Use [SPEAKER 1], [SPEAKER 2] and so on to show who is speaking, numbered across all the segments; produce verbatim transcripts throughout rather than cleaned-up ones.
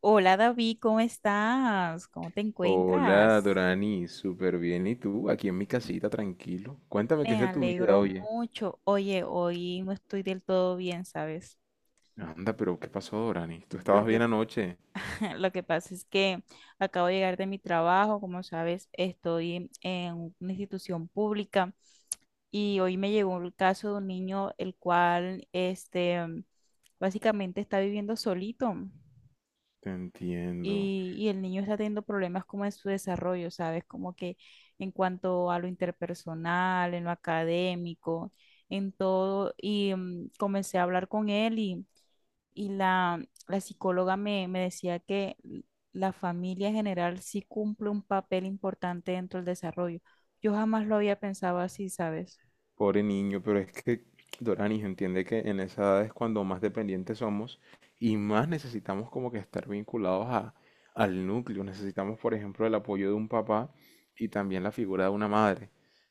[SPEAKER 1] Hola David, ¿cómo estás? ¿Cómo te
[SPEAKER 2] Hola,
[SPEAKER 1] encuentras?
[SPEAKER 2] Dorani, súper bien. ¿Y tú? Aquí en mi casita, tranquilo. Cuéntame qué es
[SPEAKER 1] Me
[SPEAKER 2] de tu vida,
[SPEAKER 1] alegro
[SPEAKER 2] oye.
[SPEAKER 1] mucho. Oye, hoy no estoy del todo bien, ¿sabes?
[SPEAKER 2] Anda, pero ¿qué pasó, Dorani? ¿Tú
[SPEAKER 1] Lo
[SPEAKER 2] estabas
[SPEAKER 1] que,
[SPEAKER 2] bien anoche?
[SPEAKER 1] lo que pasa es que acabo de llegar de mi trabajo, como sabes, estoy en una institución pública y hoy me llegó el caso de un niño el cual, este, básicamente está viviendo solito.
[SPEAKER 2] Te entiendo.
[SPEAKER 1] y, y el niño está teniendo problemas como en su desarrollo, ¿sabes? Como que en cuanto a lo interpersonal, en lo académico, en todo. Y mm, comencé a hablar con él y, y la, la psicóloga me, me decía que la familia en general sí cumple un papel importante dentro del desarrollo. Yo jamás lo había pensado así, ¿sabes?
[SPEAKER 2] Pobre niño, pero es que, Dorani, entiende que en esa edad es cuando más dependientes somos y más necesitamos como que estar vinculados a, al núcleo. Necesitamos, por ejemplo, el apoyo de un papá y también la figura de una madre.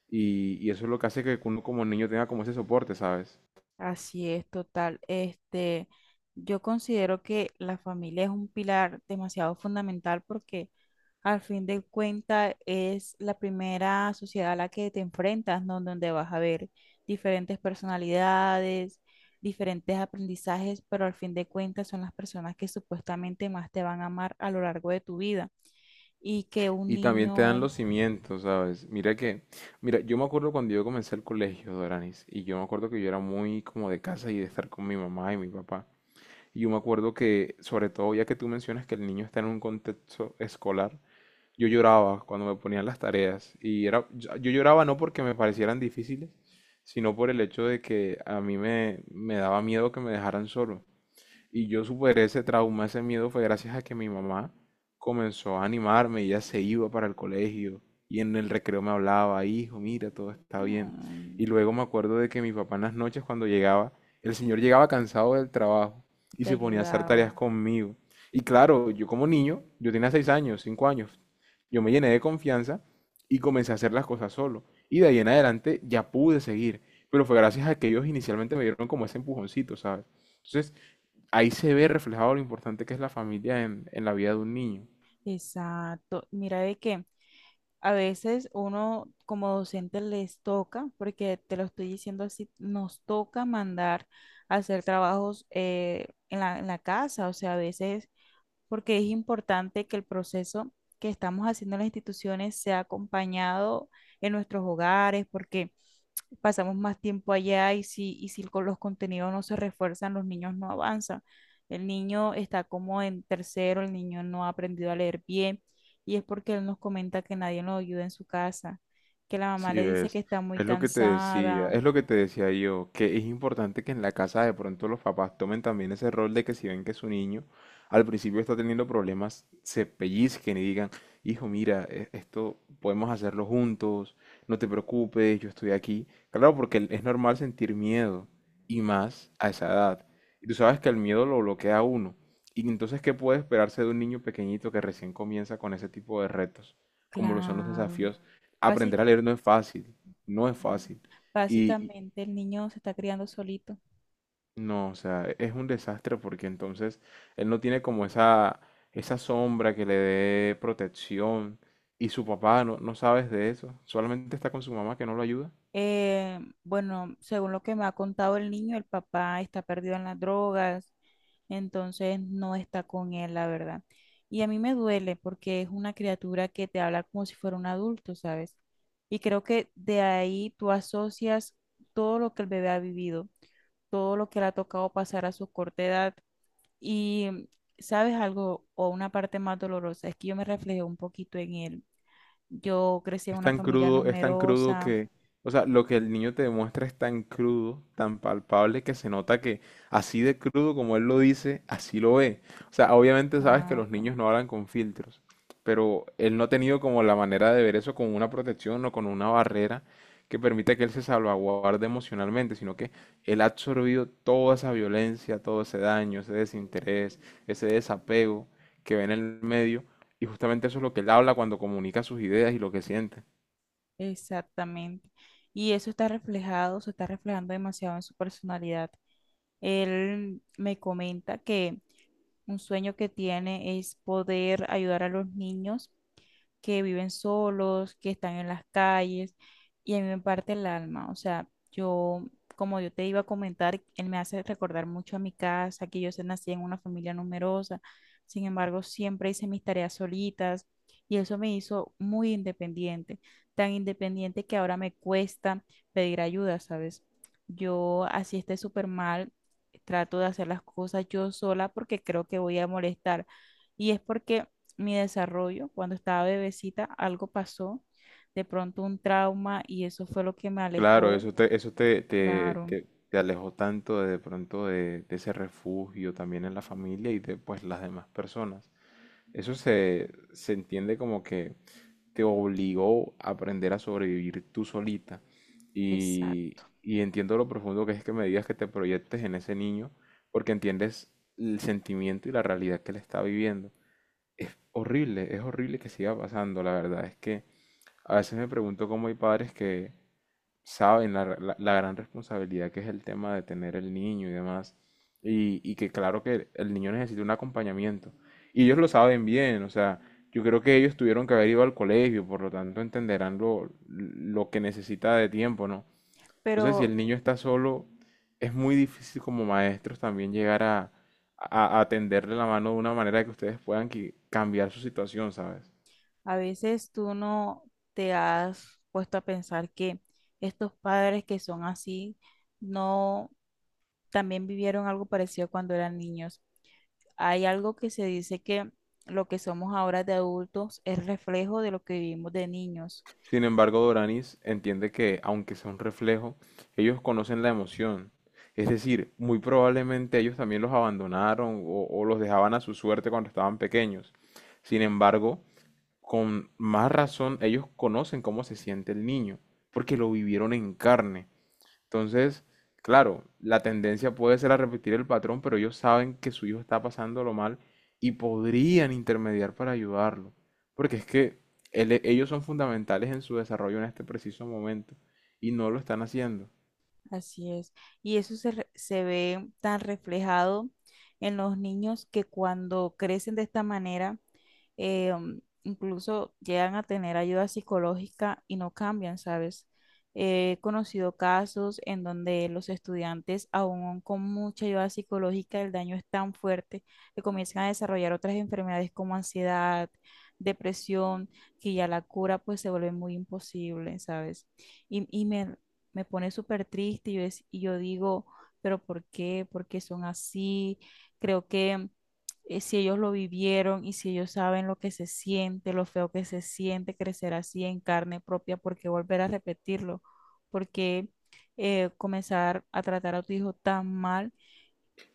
[SPEAKER 2] Y, y eso es lo que hace que uno como niño tenga como ese soporte, ¿sabes?
[SPEAKER 1] Así es, total. Este, yo considero que la familia es un pilar demasiado fundamental porque al fin de cuentas es la primera sociedad a la que te enfrentas, ¿no? Donde vas a ver diferentes personalidades, diferentes aprendizajes, pero al fin de cuentas son las personas que supuestamente más te van a amar a lo largo de tu vida y que un
[SPEAKER 2] Y también te dan
[SPEAKER 1] niño
[SPEAKER 2] los cimientos, ¿sabes? Mira que, mira, yo me acuerdo cuando yo comencé el colegio, Doranis, y yo me acuerdo que yo era muy como de casa y de estar con mi mamá y mi papá. Y yo me acuerdo que, sobre todo, ya que tú mencionas que el niño está en un contexto escolar, yo lloraba cuando me ponían las tareas. Y era, yo yo lloraba no porque me parecieran difíciles, sino por el hecho de que a mí me, me daba miedo que me dejaran solo. Y yo superé ese trauma, ese miedo fue gracias a que mi mamá comenzó a animarme, ella se iba para el colegio y en el recreo me hablaba, hijo, mira, todo está bien.
[SPEAKER 1] mm,
[SPEAKER 2] Y luego me acuerdo de que mi papá en las noches cuando llegaba, el señor llegaba cansado del trabajo y
[SPEAKER 1] te
[SPEAKER 2] se ponía a hacer tareas
[SPEAKER 1] ayudaba.
[SPEAKER 2] conmigo. Y claro, yo como niño, yo tenía seis años, cinco años, yo me llené de confianza y comencé a hacer las cosas solo. Y de ahí en adelante ya pude seguir, pero fue gracias a que ellos inicialmente me dieron como ese empujoncito, ¿sabes? Entonces, ahí se ve reflejado lo importante que es la familia en, en la vida de un niño.
[SPEAKER 1] Exacto. Mira de qué. A veces uno como docente les toca, porque te lo estoy diciendo así, nos toca mandar a hacer trabajos eh, en la, en la casa, o sea, a veces, porque es importante que el proceso que estamos haciendo en las instituciones sea acompañado en nuestros hogares, porque pasamos más tiempo allá y si, y si con los contenidos no se refuerzan, los niños no avanzan. El niño está como en tercero, el niño no ha aprendido a leer bien y es porque él nos comenta que nadie lo ayuda en su casa, que la mamá
[SPEAKER 2] Sí,
[SPEAKER 1] le dice que
[SPEAKER 2] ves,
[SPEAKER 1] está muy
[SPEAKER 2] es lo que te decía,
[SPEAKER 1] cansada.
[SPEAKER 2] es lo que te decía yo, que es importante que en la casa de pronto los papás tomen también ese rol de que si ven que su niño al principio está teniendo problemas, se pellizquen y digan, hijo, mira, e- esto podemos hacerlo juntos, no te preocupes, yo estoy aquí. Claro, porque el- es normal sentir miedo y más a esa edad. Y tú sabes que el miedo lo bloquea a uno. Y entonces, ¿qué puede esperarse de un niño pequeñito que recién comienza con ese tipo de retos, como lo son los
[SPEAKER 1] Claro.
[SPEAKER 2] desafíos?
[SPEAKER 1] Basi-
[SPEAKER 2] Aprender a leer no es fácil, no es fácil. Y, y
[SPEAKER 1] básicamente el niño se está criando solito.
[SPEAKER 2] no, o sea, es un desastre porque entonces él no tiene como esa, esa sombra que le dé protección y su papá no, no sabes de eso, solamente está con su mamá que no lo ayuda.
[SPEAKER 1] Eh, bueno, según lo que me ha contado el niño, el papá está perdido en las drogas, entonces no está con él, la verdad. Y a mí me duele porque es una criatura que te habla como si fuera un adulto, ¿sabes? Y creo que de ahí tú asocias todo lo que el bebé ha vivido, todo lo que le ha tocado pasar a su corta edad. Y, mm, ¿sabes algo? O una parte más dolorosa, es que yo me reflejé un poquito en él. Yo crecí en
[SPEAKER 2] Es
[SPEAKER 1] una
[SPEAKER 2] tan
[SPEAKER 1] familia
[SPEAKER 2] crudo, es tan crudo
[SPEAKER 1] numerosa.
[SPEAKER 2] que, o sea, lo que el niño te demuestra es tan crudo, tan palpable que se nota que así de crudo como él lo dice, así lo ve. O sea, obviamente sabes que
[SPEAKER 1] Ah,
[SPEAKER 2] los niños no hablan con filtros, pero él no ha tenido como la manera de ver eso con una protección o con una barrera que permita que él se salvaguarde emocionalmente, sino que él ha absorbido toda esa violencia, todo ese daño, ese desinterés, ese desapego que ve en el medio, y justamente eso es lo que él habla cuando comunica sus ideas y lo que siente.
[SPEAKER 1] exactamente. Y eso está reflejado, se está reflejando demasiado en su personalidad. Él me comenta que un sueño que tiene es poder ayudar a los niños que viven solos, que están en las calles, y a mí me parte el alma. O sea, yo, como yo te iba a comentar, él me hace recordar mucho a mi casa, que yo se- nací en una familia numerosa, sin embargo, siempre hice mis tareas solitas, y eso me hizo muy independiente, tan independiente que ahora me cuesta pedir ayuda, ¿sabes? Yo, así esté súper mal, trato de hacer las cosas yo sola porque creo que voy a molestar. Y es porque mi desarrollo. Cuando estaba bebecita, algo pasó, de pronto un trauma y eso fue lo que me
[SPEAKER 2] Claro,
[SPEAKER 1] alejó.
[SPEAKER 2] eso te, eso te, te,
[SPEAKER 1] Claro,
[SPEAKER 2] te- te alejó tanto de, de pronto de, de ese refugio también en la familia y de pues las demás personas. Eso se, se entiende como que te obligó a aprender a sobrevivir tú solita.
[SPEAKER 1] exacto.
[SPEAKER 2] Y, y entiendo lo profundo que es que me digas que te proyectes en ese niño, porque entiendes el sentimiento y la realidad que él está viviendo. Es horrible, es horrible que siga pasando, la verdad es que a veces me pregunto cómo hay padres que saben la, la- la gran responsabilidad que es el tema de tener el niño y demás. Y, y que claro que el niño necesita un acompañamiento. Y ellos lo saben bien, o sea, yo creo que ellos tuvieron que haber ido al colegio, por lo tanto entenderán lo, lo que necesita de tiempo, ¿no? Entonces, si
[SPEAKER 1] Pero
[SPEAKER 2] el niño está solo, es muy difícil como maestros también llegar a, a, a tenderle la mano de una manera que ustedes puedan qui- cambiar su situación, ¿sabes?
[SPEAKER 1] a veces tú no te has puesto a pensar que estos padres que son así, no, también vivieron algo parecido cuando eran niños. Hay algo que se dice que lo que somos ahora de adultos es reflejo de lo que vivimos de niños.
[SPEAKER 2] Sin embargo, Doranis, entiende que, aunque sea un reflejo, ellos conocen la emoción. Es decir, muy probablemente ellos también los abandonaron o, o los dejaban a su suerte cuando estaban pequeños. Sin embargo, con más razón, ellos conocen cómo se siente el niño, porque lo vivieron en carne. Entonces, claro, la tendencia puede ser a repetir el patrón, pero ellos saben que su hijo está pasándolo mal y podrían intermediar para ayudarlo. Porque es que ele- ellos son fundamentales en su desarrollo en este preciso momento y no lo están haciendo.
[SPEAKER 1] Así es. Y eso se, re- se ve tan reflejado en los niños que cuando crecen de esta manera, eh, um, incluso llegan a tener ayuda psicológica y no cambian, ¿sabes? Eh, He conocido casos en donde los estudiantes, aún con mucha ayuda psicológica, el daño es tan fuerte que comienzan a desarrollar otras enfermedades como ansiedad, depresión, que ya la cura pues se vuelve muy imposible, ¿sabes? Y, y me, me pone súper triste y yo, es- y yo digo, pero ¿por qué? ¿Por qué son así? Creo que eh, si ellos lo vivieron y si ellos saben lo que se siente, lo feo que se siente crecer así en carne propia, ¿por qué volver a repetirlo? ¿Por qué eh, comenzar a tratar a tu hijo tan mal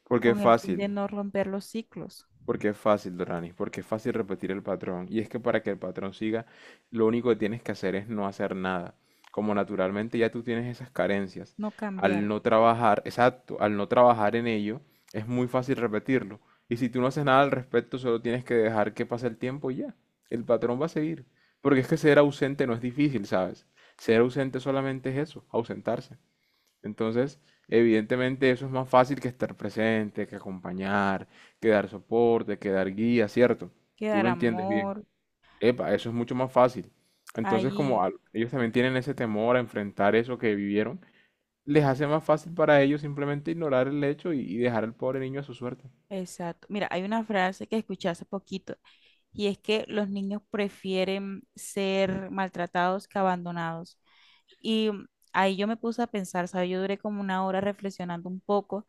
[SPEAKER 2] Porque es
[SPEAKER 1] con el fin de
[SPEAKER 2] fácil.
[SPEAKER 1] no romper los ciclos,
[SPEAKER 2] Porque es fácil, Doranis, porque es fácil repetir el patrón. Y es que para que el patrón siga, lo único que tienes que hacer es no hacer nada. Como naturalmente ya tú tienes esas carencias,
[SPEAKER 1] no
[SPEAKER 2] al
[SPEAKER 1] cambiar,
[SPEAKER 2] no trabajar, exacto, al no trabajar en ello, es muy fácil repetirlo. Y si tú no haces nada al respecto, solo tienes que dejar que pase el tiempo y ya. El patrón va a seguir. Porque es que ser ausente no es difícil, ¿sabes? Ser ausente solamente es eso, ausentarse. Entonces, evidentemente eso es más fácil que estar presente, que acompañar, que dar soporte, que dar guía, ¿cierto? Tú
[SPEAKER 1] quedar
[SPEAKER 2] lo entiendes bien.
[SPEAKER 1] amor
[SPEAKER 2] Epa, eso es mucho más fácil. Entonces,
[SPEAKER 1] ahí?
[SPEAKER 2] como al- ellos también tienen ese temor a enfrentar eso que vivieron, les hace más fácil para ellos simplemente ignorar el hecho y, y dejar al pobre niño a su suerte.
[SPEAKER 1] Exacto. Mira, hay una frase que escuché hace poquito y es que los niños prefieren ser maltratados que abandonados. Y ahí yo me puse a pensar, ¿sabes? Yo duré como una hora reflexionando un poco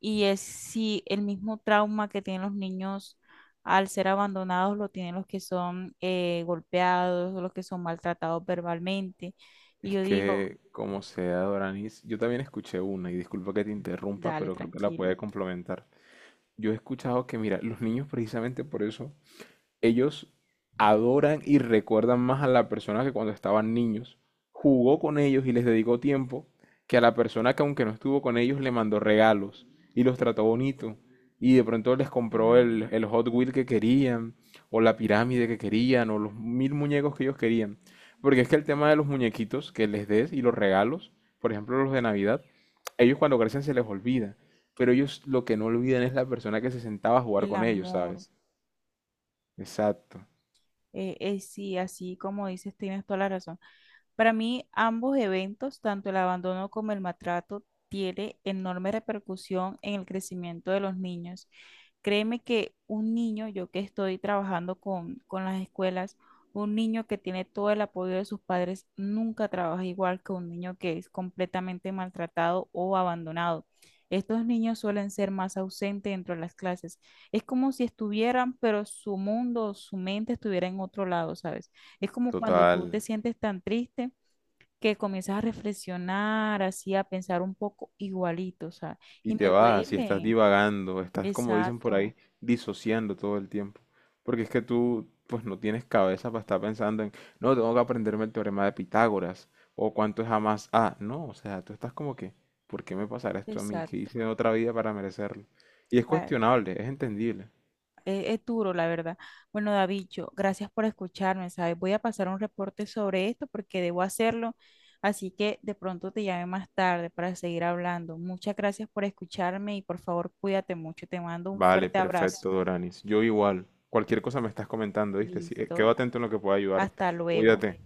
[SPEAKER 1] y es si el mismo trauma que tienen los niños al ser abandonados lo tienen los que son eh, golpeados, los que son maltratados verbalmente. Y
[SPEAKER 2] Es
[SPEAKER 1] yo digo,
[SPEAKER 2] que, como sea, Doranis, yo también escuché una, y disculpa que te interrumpa,
[SPEAKER 1] dale,
[SPEAKER 2] pero creo que la puede
[SPEAKER 1] tranquilo,
[SPEAKER 2] complementar. Yo he escuchado que, mira, los niños precisamente por eso ellos adoran y recuerdan más a la persona que cuando estaban niños jugó con ellos y les dedicó tiempo que a la persona que aunque no estuvo con ellos le mandó regalos y los trató bonito y de pronto les compró
[SPEAKER 1] la-
[SPEAKER 2] el, el Hot Wheel que querían o la pirámide que querían o los mil muñecos que ellos querían. Porque es que el tema de los muñequitos que les des y los regalos, por ejemplo los de Navidad, ellos cuando crecen se les olvida, pero ellos lo que no olvidan es la persona que se sentaba a jugar
[SPEAKER 1] el
[SPEAKER 2] con ellos,
[SPEAKER 1] amor,
[SPEAKER 2] ¿sabes? Exacto.
[SPEAKER 1] eh, eh, sí, así como dices, tienes toda la razón. Para mí, ambos eventos, tanto el abandono como el maltrato, tiene enorme repercusión en el crecimiento de los niños. Créeme que un niño, yo que estoy trabajando con, con las escuelas, un niño que tiene todo el apoyo de sus padres nunca trabaja igual que un niño que es completamente maltratado o abandonado. Estos niños suelen ser más ausentes dentro de las clases. Es como si estuvieran, pero su mundo, su mente estuviera en otro lado, ¿sabes? Es como cuando
[SPEAKER 2] Total.
[SPEAKER 1] tú te sientes tan triste que comienzas a reflexionar, así a pensar un poco igualito, o sea,
[SPEAKER 2] Y
[SPEAKER 1] y
[SPEAKER 2] te
[SPEAKER 1] me
[SPEAKER 2] vas y estás
[SPEAKER 1] duele.
[SPEAKER 2] divagando, estás, como dicen por
[SPEAKER 1] Exacto,
[SPEAKER 2] ahí, disociando todo el tiempo. Porque es que tú, pues no tienes cabeza para estar pensando en, no, tengo que aprenderme el teorema de Pitágoras o cuánto es A más A. No, o sea, tú estás como que, ¿por qué me pasará esto a mí? ¿Qué
[SPEAKER 1] exacto.
[SPEAKER 2] hice en otra vida para merecerlo? Y es
[SPEAKER 1] Ay,
[SPEAKER 2] cuestionable, es entendible.
[SPEAKER 1] Es, es duro, la verdad. Bueno, Davicho, gracias por escucharme, ¿sabes? Voy a pasar un reporte sobre esto porque debo hacerlo, así que de pronto te llame más tarde para seguir hablando. Muchas gracias por escucharme y por favor cuídate mucho. Te mando un
[SPEAKER 2] Vale,
[SPEAKER 1] fuerte abrazo.
[SPEAKER 2] perfecto, Doranis. Yo igual. Cualquier cosa me estás comentando, ¿viste? Sí, eh, quedo
[SPEAKER 1] Listo,
[SPEAKER 2] atento en lo que pueda ayudarte.
[SPEAKER 1] hasta luego.
[SPEAKER 2] Cuídate.